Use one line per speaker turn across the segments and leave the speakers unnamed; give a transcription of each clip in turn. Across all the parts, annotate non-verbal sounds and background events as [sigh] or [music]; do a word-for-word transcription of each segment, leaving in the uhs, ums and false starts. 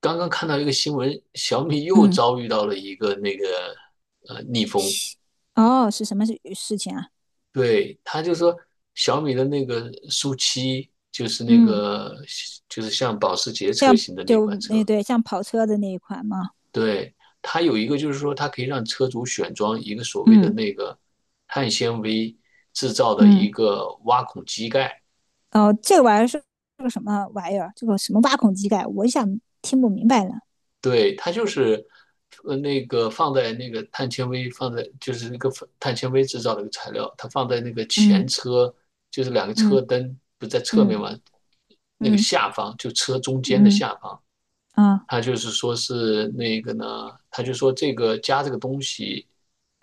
刚刚看到一个新闻，小米又
嗯，
遭遇到了一个那个呃逆风。
西哦，是什么事事情啊？
对，他就说小米的那个苏七，就是那
嗯，
个就是像保时捷车
像
型的那款
就那
车，
对像跑车的那一款吗？
对，它有一个就是说它可以让车主选装一个所谓的
嗯
那个碳纤维制造的一
嗯，
个挖孔机盖。
哦，这个玩意儿是是个什么玩意儿？这个什么挖孔机盖？我一下听不明白了。
对，它就是，呃，那个放在那个碳纤维放在就是那个碳纤维制造的一个材料，它放在那个前
嗯
车，就是两个
嗯
车灯不在侧面
嗯
嘛，那个
嗯
下方就车中间的
嗯
下方，
啊，
他就是说是那个呢，他就说这个加这个东西，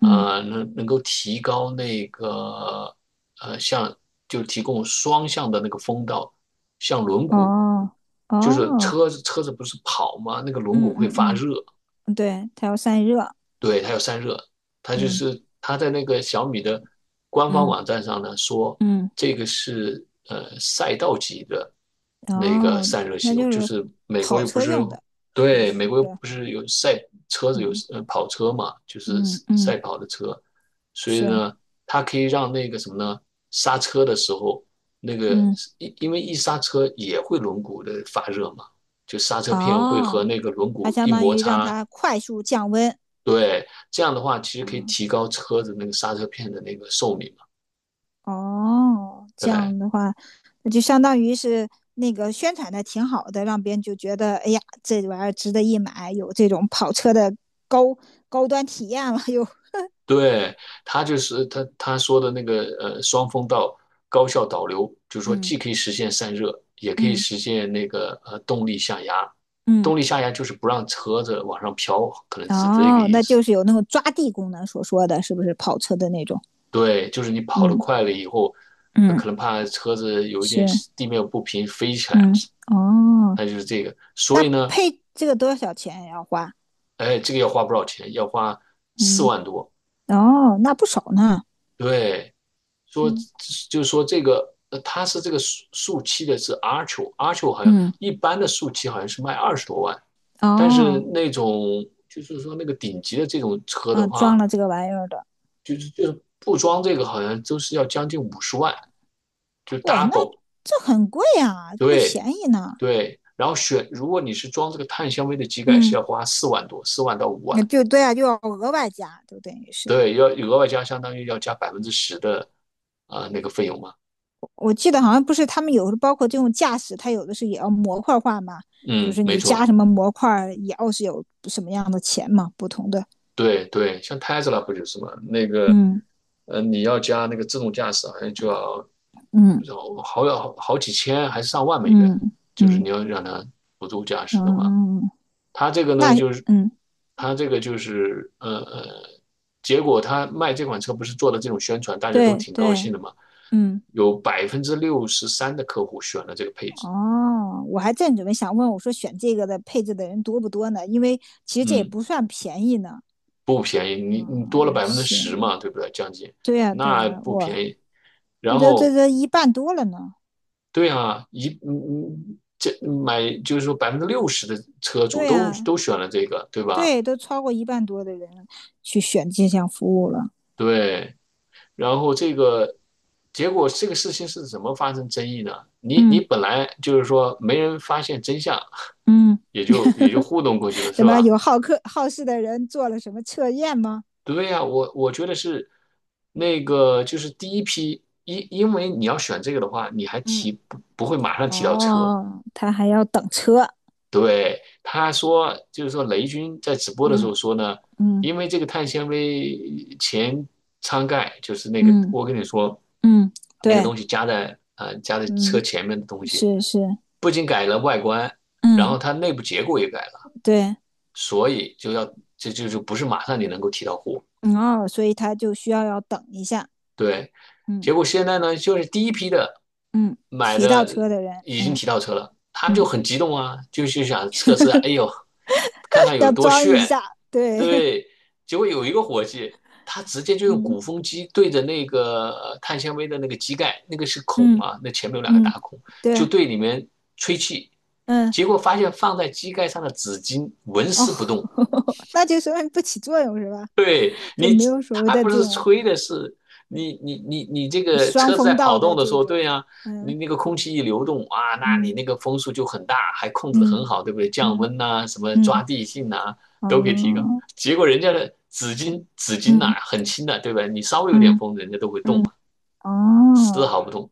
嗯
能能够提高那个呃像就提供双向的那个风道，像轮毂，
哦
就是
哦，
车子车子不是跑吗？那个轮毂
嗯
会
嗯
发热，
嗯对，它要散热。
对，它有散热，它就
嗯，
是它在那个小米的官方
嗯
网站上呢说，
嗯
这个是呃赛道级的那个
哦，
散热系
那
统，
就
就
是
是美国
跑
又不
车
是
用的，是不
对
是？
美国又不是有赛车子有
嗯
呃跑车嘛，就是
嗯嗯
赛跑的车，所以
是，
呢，它可以让那个什么呢，刹车的时候那个
嗯。
因因为一刹车也会轮毂的发热嘛，就刹车片会和
哦，
那个轮
它
毂
相
一
当
摩
于让
擦。
它快速降温。
对，这样的话其实可以
嗯，
提高车子那个刹车片的那个寿命嘛。
哦，这
对，
样的话，那就相当于是那个宣传的挺好的，让别人就觉得，哎呀，这玩意儿值得一买，有这种跑车的高高端体验了又。[laughs]
对，他就是他他说的那个呃双风道高效导流，就是说
嗯
既可以实现散热，也可以
嗯
实现那个呃动力下压。
嗯，
动力下压就是不让车子往上飘，可能是这个
哦，
意
那
思。
就是有那种抓地功能所说的，是不是跑车的那种？
对，就是你跑得
嗯
快了以后，呃
嗯，
可能怕车子有一点
是，
地面不平飞起来嘛。
嗯哦，
它就是这个，所
那
以呢，
配这个多少钱要花？
哎，这个要花不少钱，要花四
嗯，
万多，
哦，那不少呢。
对，说
嗯。
就是说这个，呃，它是这个树树漆的是 Archo，Archo 好像
嗯，
一般的树漆好像是卖二十多万，但是
哦，
那种就是说那个顶级的这种车
啊，
的
装
话，
了这个玩意儿的，
就是就是不装这个好像都是要将近五十万，就
哇，那
double。
这很贵啊，不
对
便宜呢。
对，然后选如果你是装这个碳纤维的机盖是
嗯，
要花四万多，四万到五
那
万，
就对啊，就要额外加，就等于是，
对，要额外加相当于要加百分之十的啊、呃那个费用嘛。
我记得好像不是他们有的包括这种驾驶，它有的是也要模块化嘛，就
嗯，
是
没
你加
错。
什么模块儿也要是有什么样的钱嘛，不同的，
对对，像 Tesla 不就是嘛？那个，
嗯
呃，你要加那个自动驾驶，好像就要
嗯
要好好好几千还是上万美元，
嗯
就是你
嗯
要让它辅助驾驶的话，
嗯，
它这个呢，
那
就是
嗯
它这个就是，呃呃，结果他卖这款车不是做了这种宣传，大家都
对
挺高
对，
兴的嘛，
嗯。
有百分之六十三的客户选了这个配置。
哦，我还正准备想问，我说选这个的配置的人多不多呢？因为其实这也
嗯，
不算便宜呢。
不便宜，你你多了百分之
是，
十嘛，对不对？将近，
对呀，对
那
呀，
不
我
便宜。
那
然
都这
后
这一半多了呢。
对啊，一嗯嗯，这买就是说百分之六十的车主
对
都
呀，
都选了这个，对吧？
对，都超过一半多的人去选这项服务了。
对，然后这个结果这个事情是怎么发生争议呢？你
嗯
你本来就是说没人发现真相，
嗯，
也就也就糊弄过去了，
怎
是
么
吧？
有好客好事的人做了什么测验吗？
对呀，我我觉得是那个就是第一批，因因为你要选这个的话，你还
嗯
提不不会马上提到车，
哦，他还要等车。
对，他说，就是说雷军在直播的时
嗯
候说呢，
嗯
因为这个碳纤维前舱盖，就是那个
嗯
我跟你说
嗯，
那个
对，
东西加在呃加在车
嗯，
前面的东西，
是是，
不仅改了外观，然后
嗯
它内部结构也改了，
对。
所以就要这就就不是马上你能够提到货。
嗯哦，所以他就需要要等一下，
对，
嗯
结果现在呢，就是第一批的
嗯，
买
骑到
的
车的人，
已经
嗯
提到车了，他们就
嗯，
很激动啊，就就想测试啊，哎呦，看看
[laughs]
有
要
多
装一
炫。
下，对，
对，结果有一个伙计，他直接
[laughs]
就用
嗯
鼓风机对着那个呃碳纤维的那个机盖，那个是孔
嗯
啊，那前面有两个
嗯，
大孔，就
对，
对里面吹气，
嗯
结果发现放在机盖上的纸巾纹
哦，
丝不动。
[laughs] 那就说明不起作用是吧？
对
[laughs] 就
你，
没有所谓
他
的
不
这
是
种
吹的是你你你你这个
双
车子在
风
跑
道的
动的时
这
候，对
种，
呀，你
嗯
那个空气一流动啊，那你
嗯
那个风速就很大，还控制的很
嗯
好，对不对？降
嗯
温呐、什么抓
嗯，
地性呐、都可以提高。
哦，
结果人家的纸巾纸巾呐、
嗯
很轻的，对吧？你稍微有点
嗯
风，人家都会动
嗯，
嘛，丝
哦
毫不动。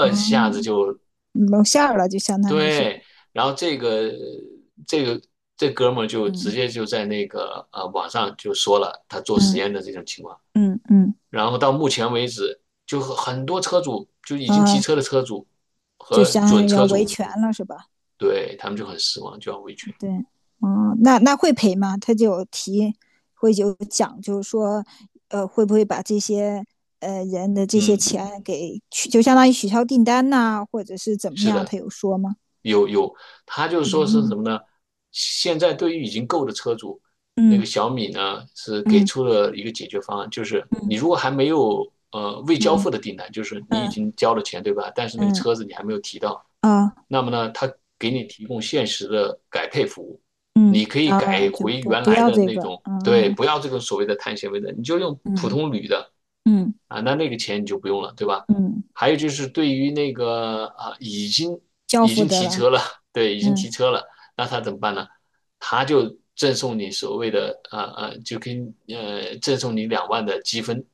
哦，
下子就
露馅儿了，就相当于是，
对，然后这个这个这哥们儿就直
嗯
接就在那个呃网上就说了他做实
嗯
验的这种情况。
嗯嗯，
然后到目前为止，就很多车主就已经提
啊。
车的车主
就
和
相
准
当于要
车
维
主，
权了，是吧？
对，他们就很失望，就要维权。
对，嗯，那那会赔吗？他就有提，会有讲，就是说，呃，会不会把这些呃人的这些
嗯，
钱给取，就相当于取消订单呐、啊或者是怎么
是
样？
的。
他有说吗？
有有，他就是说是什
嗯
么呢？现在对于已经购的车主，那
嗯
个小米呢是给
嗯
出了一个解决方案，就是你
嗯
如果还没有呃未交
嗯
付的订单，就是你已
嗯
经交了钱对吧？但是那个
嗯
车子你还没有提到，
啊
那么呢，他给你提供限时的改配服务，
嗯
你可以
啊，
改
就
回
不
原
不
来
要
的
这
那
个，
种，对，
嗯
不要这个所谓的碳纤维的，你就用普
嗯
通铝的
嗯
啊，那那个钱你就不用了，对吧？
嗯，
还有就是对于那个啊，已经
交
已
付
经
得
提
了，
车了，[laughs] 对，已经
嗯。
提车了，那他怎么办呢？他就赠送你所谓的啊啊，就跟呃赠送你两万的积分，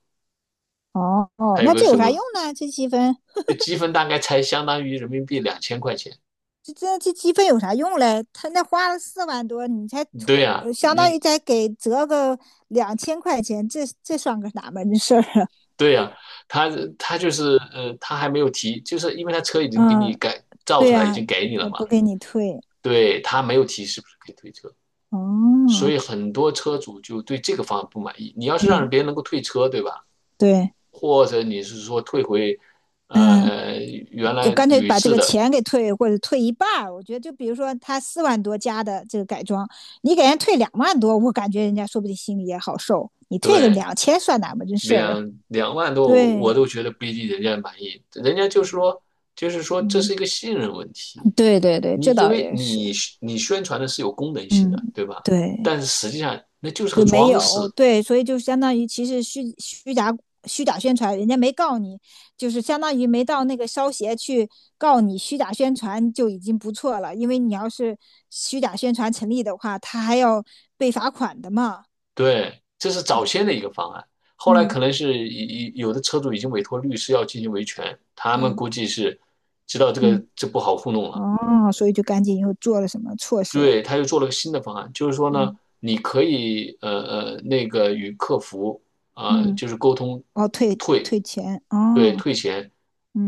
哦哦，
还有
那
个
这
什
有啥
么
用呢？这积分
这积分大概才相当于人民币两千块钱。
这这这积分有啥用嘞？他那花了四万多，你才
对呀，
呃相当于
你
再给折个两千块钱，这这算个哪门子事儿啊？
对呀，他他就是呃，他还没有提，就是因为他车已
[laughs]
经给你
嗯，
改造
对
出来，已经
呀、
给你了
他不
嘛，
给你退。
对，他没有提是不是可以退车。所
哦，
以很多车主就对这个方案不满意。你要是让
嗯，
别人能够退车，对吧？
对，
或者你是说退回，呃，
嗯，
呃原
就
来
干脆
铝
把这
制
个
的，
钱给退，或者退一半儿。我觉得，就比如说他四万多加的这个改装，你给人退两万多，我感觉人家说不定心里也好受。你退个
对，
两千算哪门子事儿啊？
两两万
[laughs]
多我
对，
都觉得不一定人家满意。人家就说，就是说这
嗯，
是一个信任问题。
对对对，
你
这
因
倒
为
也是，
你你宣传的是有功能性
嗯，
的，对吧？
对。
但是实际上那就是个
就没
装饰，
有，对，所以就相当于其实虚虚假虚假宣传，人家没告你，就是相当于没到那个烧协去告你虚假宣传就已经不错了，因为你要是虚假宣传成立的话，他还要被罚款的嘛。
对，这是早先的一个方案，后来
嗯
可能是以以有的车主已经委托律师要进行维权，他们
嗯
估计是知道这个
嗯，
这不好糊弄了，
嗯哦，所以就赶紧又做了什么措施了？
对，他又做了个新的方案，就是说呢，
嗯
你可以呃呃那个与客服呃
嗯，
就是沟通
哦，退
退，
退钱，
对，
哦，
退钱，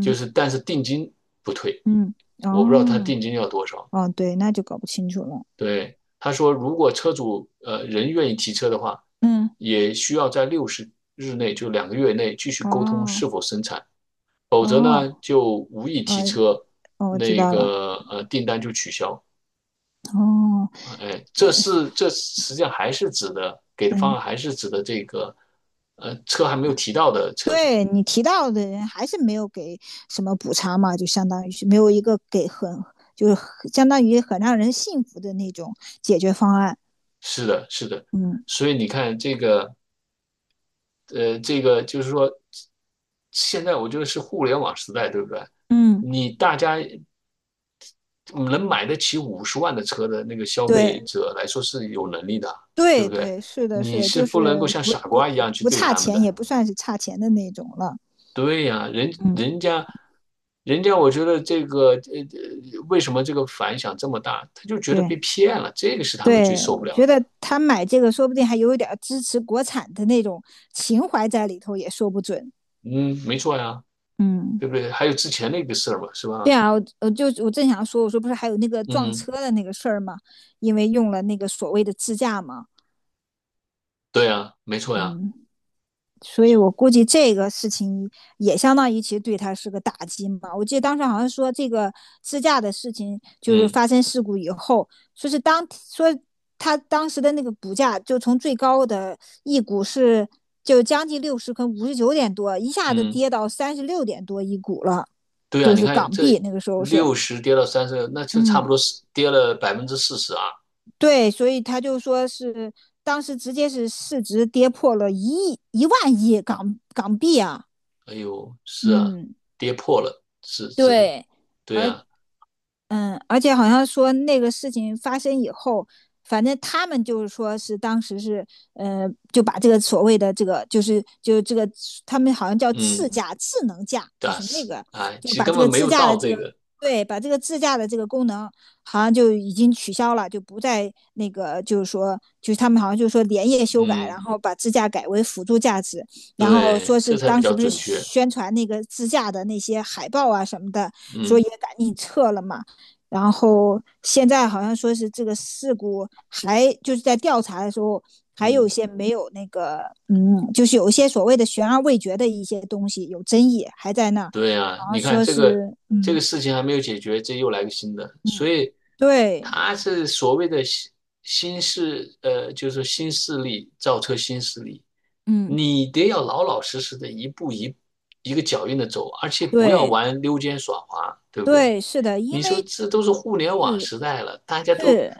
就是但是定金不退，
嗯，
我不知道他
哦
定金要多少，
哦，对，那就搞不清楚了。
对，他说如果车主呃人愿意提车的话，
嗯，
也需要在六十日内，就两个月内继续沟通
哦
是否生产，否
哦。
则
哦，
呢就无意提
呃
车，
哦，我知
那
道了。
个呃订单就取消。
哦，
啊哎，
对，
这是这实际上还是指的给的方
嗯，
案还是指的这个呃车还没有提到的车主。
对你提到的人还是没有给什么补偿嘛，就相当于是没有一个给很，就是很相当于很让人信服的那种解决方案。
是的，是的，
嗯
所以你看这个呃这个就是说，现在我觉得是互联网时代，对不对？
嗯，
你大家能买得起五十万的车的那个消费
对
者来说是有能力的，对不
对
对？
对，是的，是
你
的，
是
就
不能够
是
像
不
傻
不
瓜一样去
不
对
差
他们
钱，
的。
也不算是差钱的那种了。
对呀，人
嗯，
人家，人家，我觉得这个呃，呃为什么这个反响这么大？他就觉得被
对
骗了，这个是他们最
对，
受不
我
了
觉
的。
得他买这个说不定还有一点儿支持国产的那种情怀在里头，也说不准。
嗯，没错呀，
嗯。
对不对？还有之前那个事儿嘛，是
对
吧？
啊，我我就我正想说，我说不是还有那个撞
嗯，
车的那个事儿吗？因为用了那个所谓的自驾嘛，
对呀，没错呀，
嗯，所以我估计这个事情也相当于其实对他是个打击嘛。我记得当时好像说这个自驾的事情，就是
嗯
发生事故以后，说是当说他当时的那个股价就从最高的一股是就将近六十，跟五十九点多，一下子
嗯，
跌到三十六点多一股了，
对呀，
就
你
是
看
港币
这
那个时候是，
六十跌到三十，那就差不
嗯。
多是跌了百分之四十啊。
对，所以他就说是当时直接是市值跌破了一亿一万亿港港币啊，
哎呦，是啊，
嗯，
跌破了，是值得，
对，
对
而
啊，
嗯，而且好像说那个事情发生以后，反正他们就是说是当时是，呃，就把这个所谓的这个就是就这个他们好像叫
嗯，
自驾智能驾，就
但
是那
是，
个
哎，
就
其实
把
根
这
本
个
没
自
有
驾的
到
这
这
个
个，
对，把这个自驾的这个功能好像就已经取消了，就不再那个就是说就是他们好像就是说连夜修改，然
嗯，
后把自驾改为辅助驾驶，然后说
对，这
是
才比
当
较
时不是
准确，
宣传那个自驾的那些海报啊什么的，说
嗯
也赶紧撤了嘛。然后现在好像说是这个事故还就是在调查的时候，还有一
嗯，
些没有那个，嗯，就是有一些所谓的悬而未决的一些东西有争议，还在那
对啊，
好像
你看
说
这个
是，
这
嗯
个事情还没有解决，这又来个新的，所
嗯，
以
对，
他是所谓的新新势，呃，就是说新势力造车新势力，
嗯
你得要老老实实的一步一一个脚印的走，而且不要
对
玩溜肩耍滑，对不对？
对，是的，因
你说
为
这都是互联网
是
时代了，大家都
是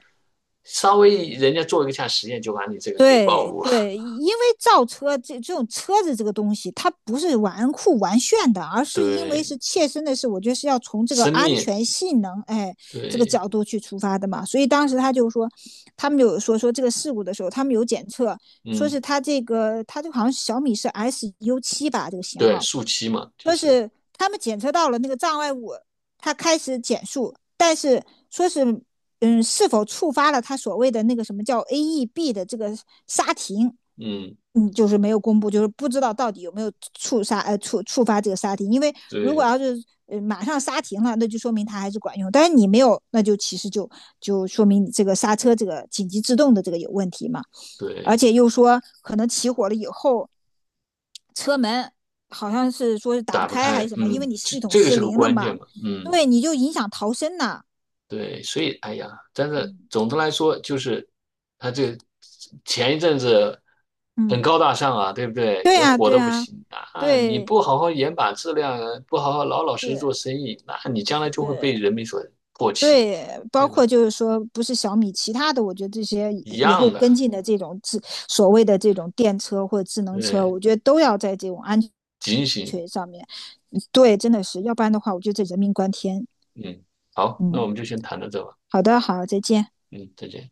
稍微人家做一下实验就把你这个给暴
对
露了。
对，
[laughs]
因为造车这这种车子这个东西，它不是玩酷玩炫的，而是因为
对，
是切身的事，我觉得是要从这个
生
安
命，
全性能，哎，这个
对，
角度去出发的嘛。所以当时他就说，他们有说说这个事故的时候，他们有检测，说是
嗯，
他这个他这个好像是小米是 S U 七吧，这个型
对，
号，
树栖嘛，就
说
是，
是他们检测到了那个障碍物，它开始减速，但是说是嗯，是否触发了它所谓的那个什么叫 A E B 的这个刹停，
嗯，
嗯，就是没有公布，就是不知道到底有没有触刹呃触触发这个刹停，因为如果
对
要是呃马上刹停了，那就说明它还是管用，但是你没有，那就其实就就说明你这个刹车这个紧急制动的这个有问题嘛。而
对，
且又说，可能起火了以后，车门好像是说是打不
打不
开还
开，
是什么，因
嗯，
为你
这
系统
这个
失
是个
灵了
关键
嘛，
嘛，嗯。
对，你就影响逃生呐。
对，所以哎呀，但是
嗯
总的来说，就是他这前一阵子很
嗯，
高大上啊，对不对？
对
人
呀，
火
对
得不
呀，
行啊！你
对，
不好好严把质量，不好好老老实实
是
做生意，那你将来就会被
是，
人民所唾弃，
对，包
对
括
吧？
就是说，不是小米，其他的，我觉得这些以
一
以后
样的，
跟进的这种智所谓的这种电车或者智能车，
对，
我觉得都要在这种安
警醒。
全上面，嗯对，真的是，要不然的话，我觉得这人命关天。
嗯，好，那我
嗯，
们就先谈到这吧。
好的，好，再见。
嗯，再见。